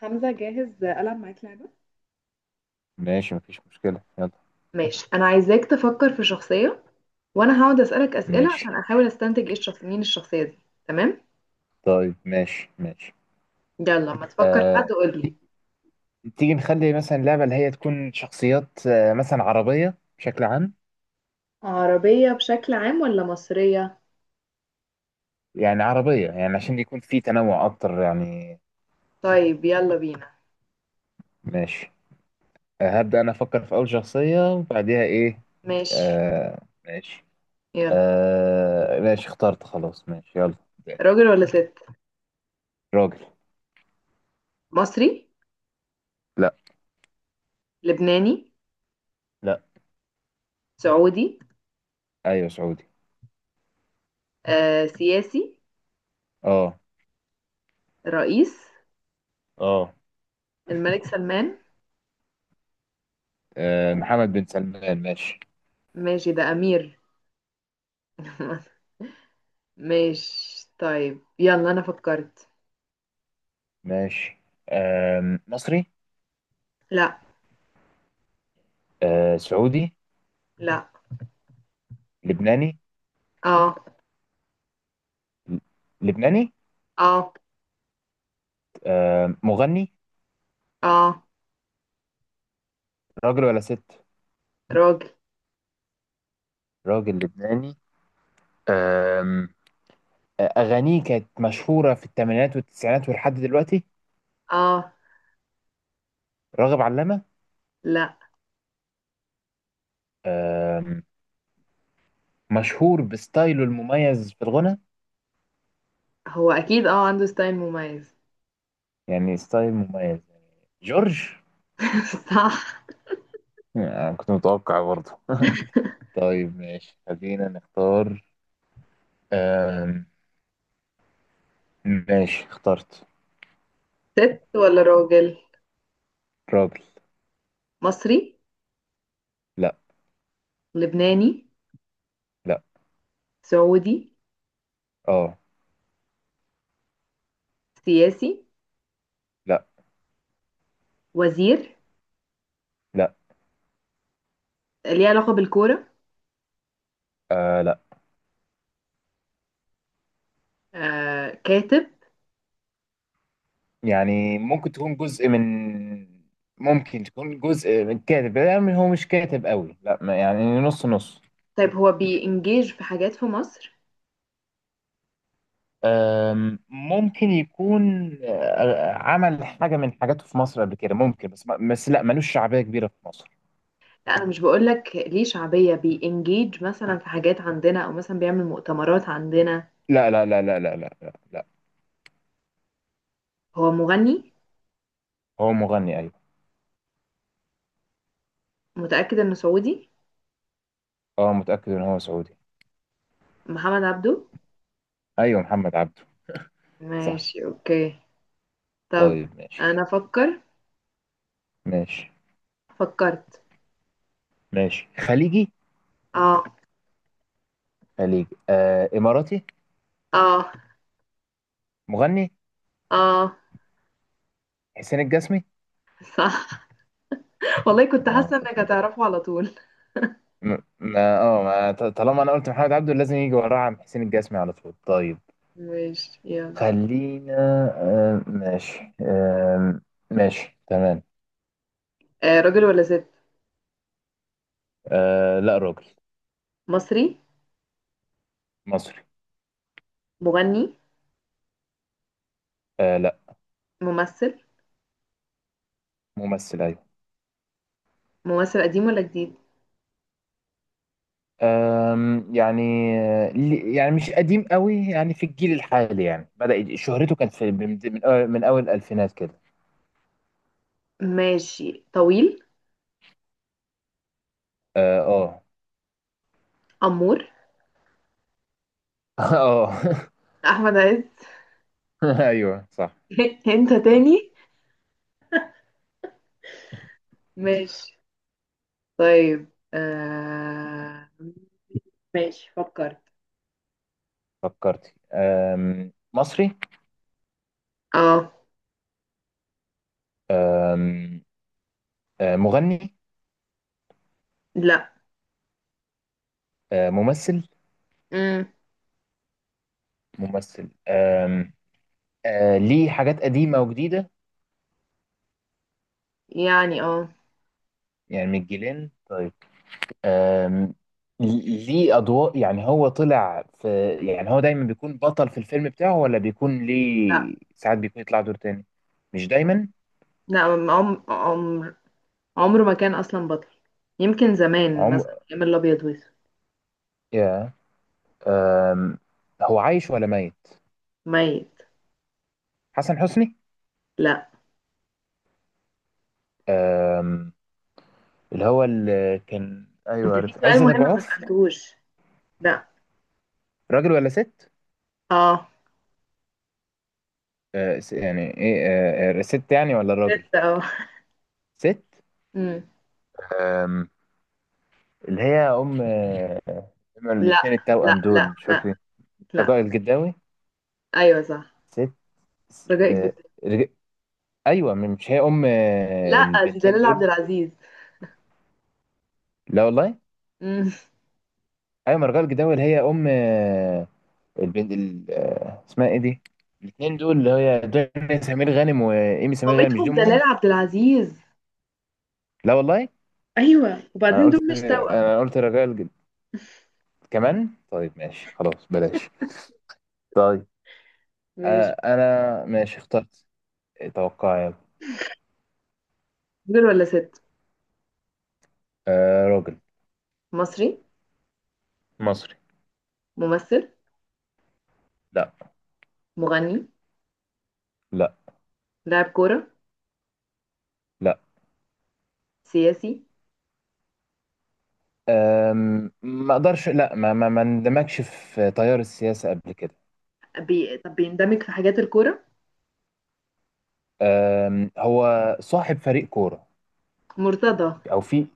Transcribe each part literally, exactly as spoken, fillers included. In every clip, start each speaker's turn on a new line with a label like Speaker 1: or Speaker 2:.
Speaker 1: حمزة، جاهز ألعب معاك لعبة؟
Speaker 2: ماشي، مفيش مشكلة، يلا.
Speaker 1: ماشي. انا عايزاك تفكر في شخصية، وانا هقعد اسالك اسئله
Speaker 2: ماشي.
Speaker 1: عشان احاول استنتج ايه الشخص، مين الشخصية دي. تمام.
Speaker 2: طيب، ماشي، ماشي.
Speaker 1: يلا لما تفكر في حد
Speaker 2: آه
Speaker 1: قول لي.
Speaker 2: ت- تيجي نخلي مثلا لعبة اللي هي تكون شخصيات، آه مثلا عربية بشكل عام.
Speaker 1: عربية بشكل عام ولا مصرية؟
Speaker 2: يعني عربية، يعني عشان يكون في تنوع أكتر، يعني.
Speaker 1: طيب يلا بينا.
Speaker 2: ماشي. آه هبدأ أنا أفكر في أول شخصية، وبعديها إيه؟
Speaker 1: ماشي
Speaker 2: آه ماشي.
Speaker 1: يلا.
Speaker 2: آه ماشي، اخترت، خلاص، ماشي، يلا.
Speaker 1: راجل ولا ست؟
Speaker 2: راجل.
Speaker 1: مصري؟
Speaker 2: لا.
Speaker 1: لبناني؟
Speaker 2: لا.
Speaker 1: سعودي؟
Speaker 2: أيوة، سعودي.
Speaker 1: آه، سياسي.
Speaker 2: أه.
Speaker 1: رئيس؟
Speaker 2: أه.
Speaker 1: الملك سلمان.
Speaker 2: آه، محمد بن سلمان، ماشي.
Speaker 1: ماشي ده امير. ماشي طيب يلا انا فكرت.
Speaker 2: ماشي. آه مصري.
Speaker 1: لا.
Speaker 2: آه سعودي.
Speaker 1: لا.
Speaker 2: لبناني.
Speaker 1: اه.
Speaker 2: ل- لبناني.
Speaker 1: اه.
Speaker 2: آه مغني.
Speaker 1: اه.
Speaker 2: راجل ولا ست؟
Speaker 1: راجل.
Speaker 2: راجل لبناني. آم، آه، أغانيه كانت مشهورة في الثمانينات والتسعينات ولحد دلوقتي.
Speaker 1: اه.
Speaker 2: راغب علامة.
Speaker 1: لا.
Speaker 2: آم، مشهور بستايله المميز في الغنى،
Speaker 1: هو اكيد اه عنده ستايل مميز.
Speaker 2: يعني ستايل مميز. جورج.
Speaker 1: صح.
Speaker 2: آه، كنت متوقع برضه. طيب، ماشي، خلينا نختار. آم، ماشي، اخترت.
Speaker 1: ست ولا راجل؟
Speaker 2: راجل.
Speaker 1: مصري؟
Speaker 2: لا.
Speaker 1: لبناني؟
Speaker 2: لا.
Speaker 1: سعودي؟
Speaker 2: اه.
Speaker 1: سياسي؟
Speaker 2: لا.
Speaker 1: وزير؟
Speaker 2: لا.
Speaker 1: ليه علاقة بالكورة؟
Speaker 2: آه، لا.
Speaker 1: آه، كاتب؟
Speaker 2: يعني ممكن تكون جزء من ممكن تكون جزء من كاتب، يعني هو مش كاتب قوي، لا، ما- يعني نص نص.
Speaker 1: طيب هو بينجيج في حاجات في مصر؟
Speaker 2: أم، ممكن يكون، أه، عمل حاجة من حاجاته في مصر قبل كده ممكن، بس ما- بس لا، ملوش شعبية كبيرة في مصر.
Speaker 1: لا، انا مش بقول لك ليه شعبية، بينجيج مثلا في حاجات عندنا او مثلا بيعمل مؤتمرات عندنا.
Speaker 2: لا، لا، لا، لا، لا، لا، لا, لا.
Speaker 1: هو مغني؟
Speaker 2: هو مغني، أيوه.
Speaker 1: متأكد انه سعودي؟
Speaker 2: أه، متأكد إن هو سعودي.
Speaker 1: محمد عبده.
Speaker 2: أيوه، محمد عبده. صح.
Speaker 1: ماشي اوكي. طب
Speaker 2: طيب، ماشي.
Speaker 1: انا افكر.
Speaker 2: ماشي،
Speaker 1: فكرت.
Speaker 2: ماشي، خليجي.
Speaker 1: اه.
Speaker 2: خليجي، آه إماراتي.
Speaker 1: اه.
Speaker 2: مغني.
Speaker 1: اه.
Speaker 2: حسين الجسمي.
Speaker 1: صح. والله كنت
Speaker 2: أنا
Speaker 1: حاسه انك
Speaker 2: كنت بقول.
Speaker 1: هتعرفه على طول.
Speaker 2: م- ما اه ما ط- طالما انا قلت محمد عبده لازم يجي وراه عم حسين الجسمي على طول. طيب،
Speaker 1: ماشي يلا.
Speaker 2: خلينا. آه ماشي. آه ماشي، تمام.
Speaker 1: آه راجل ولا ست؟
Speaker 2: آه لا، راجل.
Speaker 1: مصري؟
Speaker 2: مصري.
Speaker 1: مغني؟
Speaker 2: آه لا.
Speaker 1: ممثل؟
Speaker 2: ممثل، ايوه.
Speaker 1: ممثل قديم ولا جديد؟
Speaker 2: آم، يعني، آه، لي- يعني مش قديم قوي، يعني في الجيل الحالي، يعني بدأ يج- شهرته كانت في من من أول من أول الألفينات كده.
Speaker 1: ماشي. طويل؟
Speaker 2: اه، اه.
Speaker 1: امور.
Speaker 2: آه.
Speaker 1: احمد عز.
Speaker 2: ايوه، صح.
Speaker 1: انت
Speaker 2: صح.
Speaker 1: تاني. ماشي. طيب آه... ماشي فكرت.
Speaker 2: فكرت. آم، مصري.
Speaker 1: اه.
Speaker 2: آم، آه، مغني.
Speaker 1: لا.
Speaker 2: آه، ممثل.
Speaker 1: مم.
Speaker 2: ممثل. آم آه، ليه حاجات قديمة وجديدة،
Speaker 1: يعني اه.
Speaker 2: يعني من الجيلين. طيب. آم ليه أضواء، يعني هو طلع في يعني هو دايما بيكون بطل في الفيلم بتاعه، ولا بيكون
Speaker 1: لا.
Speaker 2: ليه ساعات بيكون يطلع دور تاني؟ مش دايما.
Speaker 1: لا. عم... عم... عمره ما كان اصلا بطل. يمكن زمان
Speaker 2: عمر.
Speaker 1: مثلا ايام الابيض واسود.
Speaker 2: يا. آم هو عايش ولا ميت؟
Speaker 1: ميت.
Speaker 2: حسن حسني.
Speaker 1: لا.
Speaker 2: آم اللي هو اللي كان، أيوه،
Speaker 1: انت في
Speaker 2: عارف،
Speaker 1: سؤال
Speaker 2: عزت أبو
Speaker 1: مهم ما
Speaker 2: عوف.
Speaker 1: سالتهوش. لا.
Speaker 2: راجل ولا ست؟
Speaker 1: اه.
Speaker 2: آه س- يعني إيه آه آه، ست يعني ولا الراجل؟
Speaker 1: لسه اه.
Speaker 2: ست.
Speaker 1: مم.
Speaker 2: أم... اللي هي ام هما
Speaker 1: لا
Speaker 2: الاثنين
Speaker 1: لا
Speaker 2: التوأم دول،
Speaker 1: لا
Speaker 2: مش
Speaker 1: لا
Speaker 2: فاكر.
Speaker 1: لا.
Speaker 2: رجاء الجداوي.
Speaker 1: ايوه صح.
Speaker 2: ست. س-
Speaker 1: رجاء جدا.
Speaker 2: آه، رج... ايوه، مش هي ام آه،
Speaker 1: لا دي
Speaker 2: البنتين
Speaker 1: دلال عبد
Speaker 2: دول؟
Speaker 1: العزيز.
Speaker 2: لا والله.
Speaker 1: مم.
Speaker 2: ايوه، ما رجاء الجداوي اللي هي ام، آه، البنت ال... آه، اسمها ايه دي؟ الاثنين دول اللي هي دنيا سمير غانم وايمي سمير غانم، مش دي
Speaker 1: مامتهم دلال
Speaker 2: امهم؟
Speaker 1: عبد العزيز.
Speaker 2: لا والله.
Speaker 1: ايوه
Speaker 2: انا
Speaker 1: وبعدين
Speaker 2: قلت
Speaker 1: دول مش توأم.
Speaker 2: انا قلت رجاء الج... كمان. طيب، ماشي، خلاص، بلاش. طيب.
Speaker 1: ماشي.
Speaker 2: آه، انا ماشي، اخترت، توقع، يلا.
Speaker 1: راجل ولا ست؟
Speaker 2: آه، راجل.
Speaker 1: مصري؟
Speaker 2: مصري.
Speaker 1: ممثل؟
Speaker 2: لا.
Speaker 1: مغني؟
Speaker 2: لا.
Speaker 1: لاعب كورة؟
Speaker 2: لا.
Speaker 1: سياسي؟
Speaker 2: أم، ما اقدرش، لا، ما ما ما اندمجش في تيار السياسه قبل كده.
Speaker 1: بي... طب بيندمج في حاجات الكورة؟
Speaker 2: أم، هو صاحب فريق كوره،
Speaker 1: مرتضى؟
Speaker 2: او في.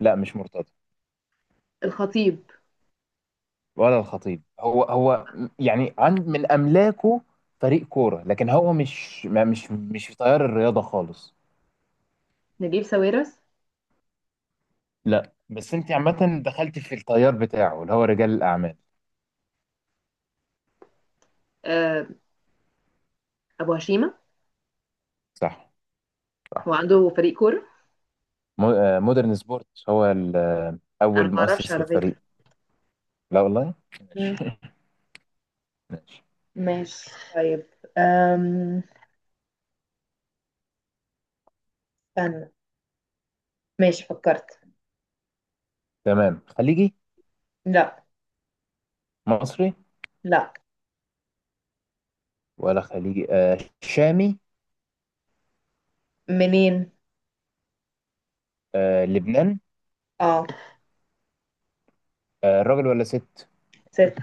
Speaker 2: لا، مش مرتضى.
Speaker 1: الخطيب؟
Speaker 2: ولا الخطيب، هو هو يعني عند من املاكه فريق كوره، لكن هو مش ما مش مش في تيار الرياضه خالص.
Speaker 1: نجيب ساويرس؟
Speaker 2: لا، بس انت عامه دخلت في التيار بتاعه اللي هو رجال الاعمال.
Speaker 1: آه، ابو هشيمه.
Speaker 2: صح.
Speaker 1: هو
Speaker 2: صح.
Speaker 1: عنده فريق كوره؟
Speaker 2: مو- آه، مودرن سبورت، هو ال- آه،
Speaker 1: انا
Speaker 2: اول
Speaker 1: ما اعرفش
Speaker 2: مؤسس
Speaker 1: على فكره.
Speaker 2: للفريق. لا والله.
Speaker 1: مم.
Speaker 2: ماشي. ماشي،
Speaker 1: ماشي طيب. أم... استنى. ماشي فكرت.
Speaker 2: تمام. خليجي.
Speaker 1: لا.
Speaker 2: مصري.
Speaker 1: لا.
Speaker 2: ولا خليجي؟ آه شامي.
Speaker 1: منين؟
Speaker 2: آه لبنان.
Speaker 1: اه.
Speaker 2: آه راجل ولا ست؟
Speaker 1: ست.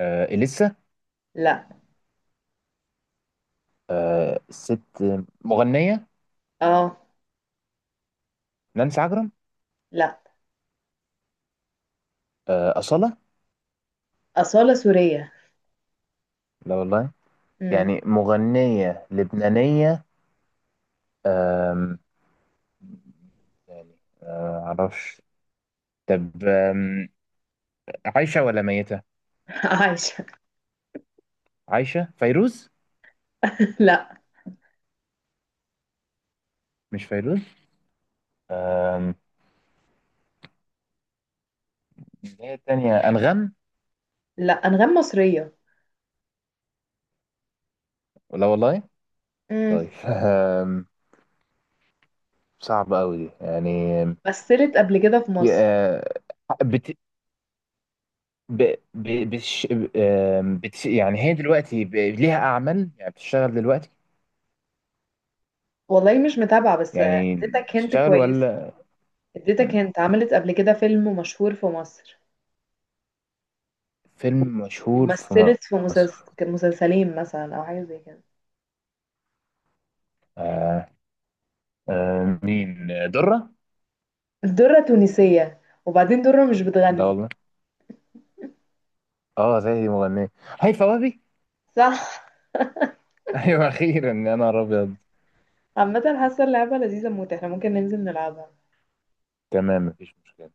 Speaker 2: آه إليسا.
Speaker 1: لا.
Speaker 2: آه ست. مغنية.
Speaker 1: اه.
Speaker 2: نانسي عجرم.
Speaker 1: لا.
Speaker 2: آه أصالة.
Speaker 1: أصالة سورية.
Speaker 2: لا والله.
Speaker 1: مم.
Speaker 2: يعني مغنية لبنانية. آم، يعني، ما أعرفش. طب، آم، عايشة ولا ميتة؟
Speaker 1: عايشة.
Speaker 2: عايشة. فيروز.
Speaker 1: لا.
Speaker 2: مش فيروز. آم، اللي هي التانية أنغام.
Speaker 1: لا، أنغام مصرية.
Speaker 2: لا والله.
Speaker 1: مم.
Speaker 2: طيب. آم، صعبة أوي دي، يعني. آم،
Speaker 1: مثلت قبل كده في مصر؟
Speaker 2: يا- آه، بت- ب... ب... بتش... آم، بتش... يعني هي دلوقتي ب... ليها أعمال، يعني بتشتغل دلوقتي،
Speaker 1: والله مش متابعة، بس
Speaker 2: يعني
Speaker 1: اديتك هنت
Speaker 2: بتشتغل
Speaker 1: كويسة.
Speaker 2: ولا؟
Speaker 1: اديتك
Speaker 2: مم.
Speaker 1: هنت عملت قبل كده فيلم مشهور في مصر،
Speaker 2: فيلم مشهور في
Speaker 1: ومثلت في
Speaker 2: مصر.
Speaker 1: مسلس- مسلسلين مثلا او حاجه زي كده.
Speaker 2: آه... آه... مين؟ آه، درة؟
Speaker 1: الدره تونسيه، وبعدين دره مش
Speaker 2: ده
Speaker 1: بتغني.
Speaker 2: والله. اه، زي دي مغنية، هيفاء وهبي.
Speaker 1: صح.
Speaker 2: ايوه، اخيرا، يا نهار ابيض.
Speaker 1: عامه حاسه اللعبه لذيذه موت، احنا ممكن ننزل نلعبها.
Speaker 2: تمام، مفيش مشكلة.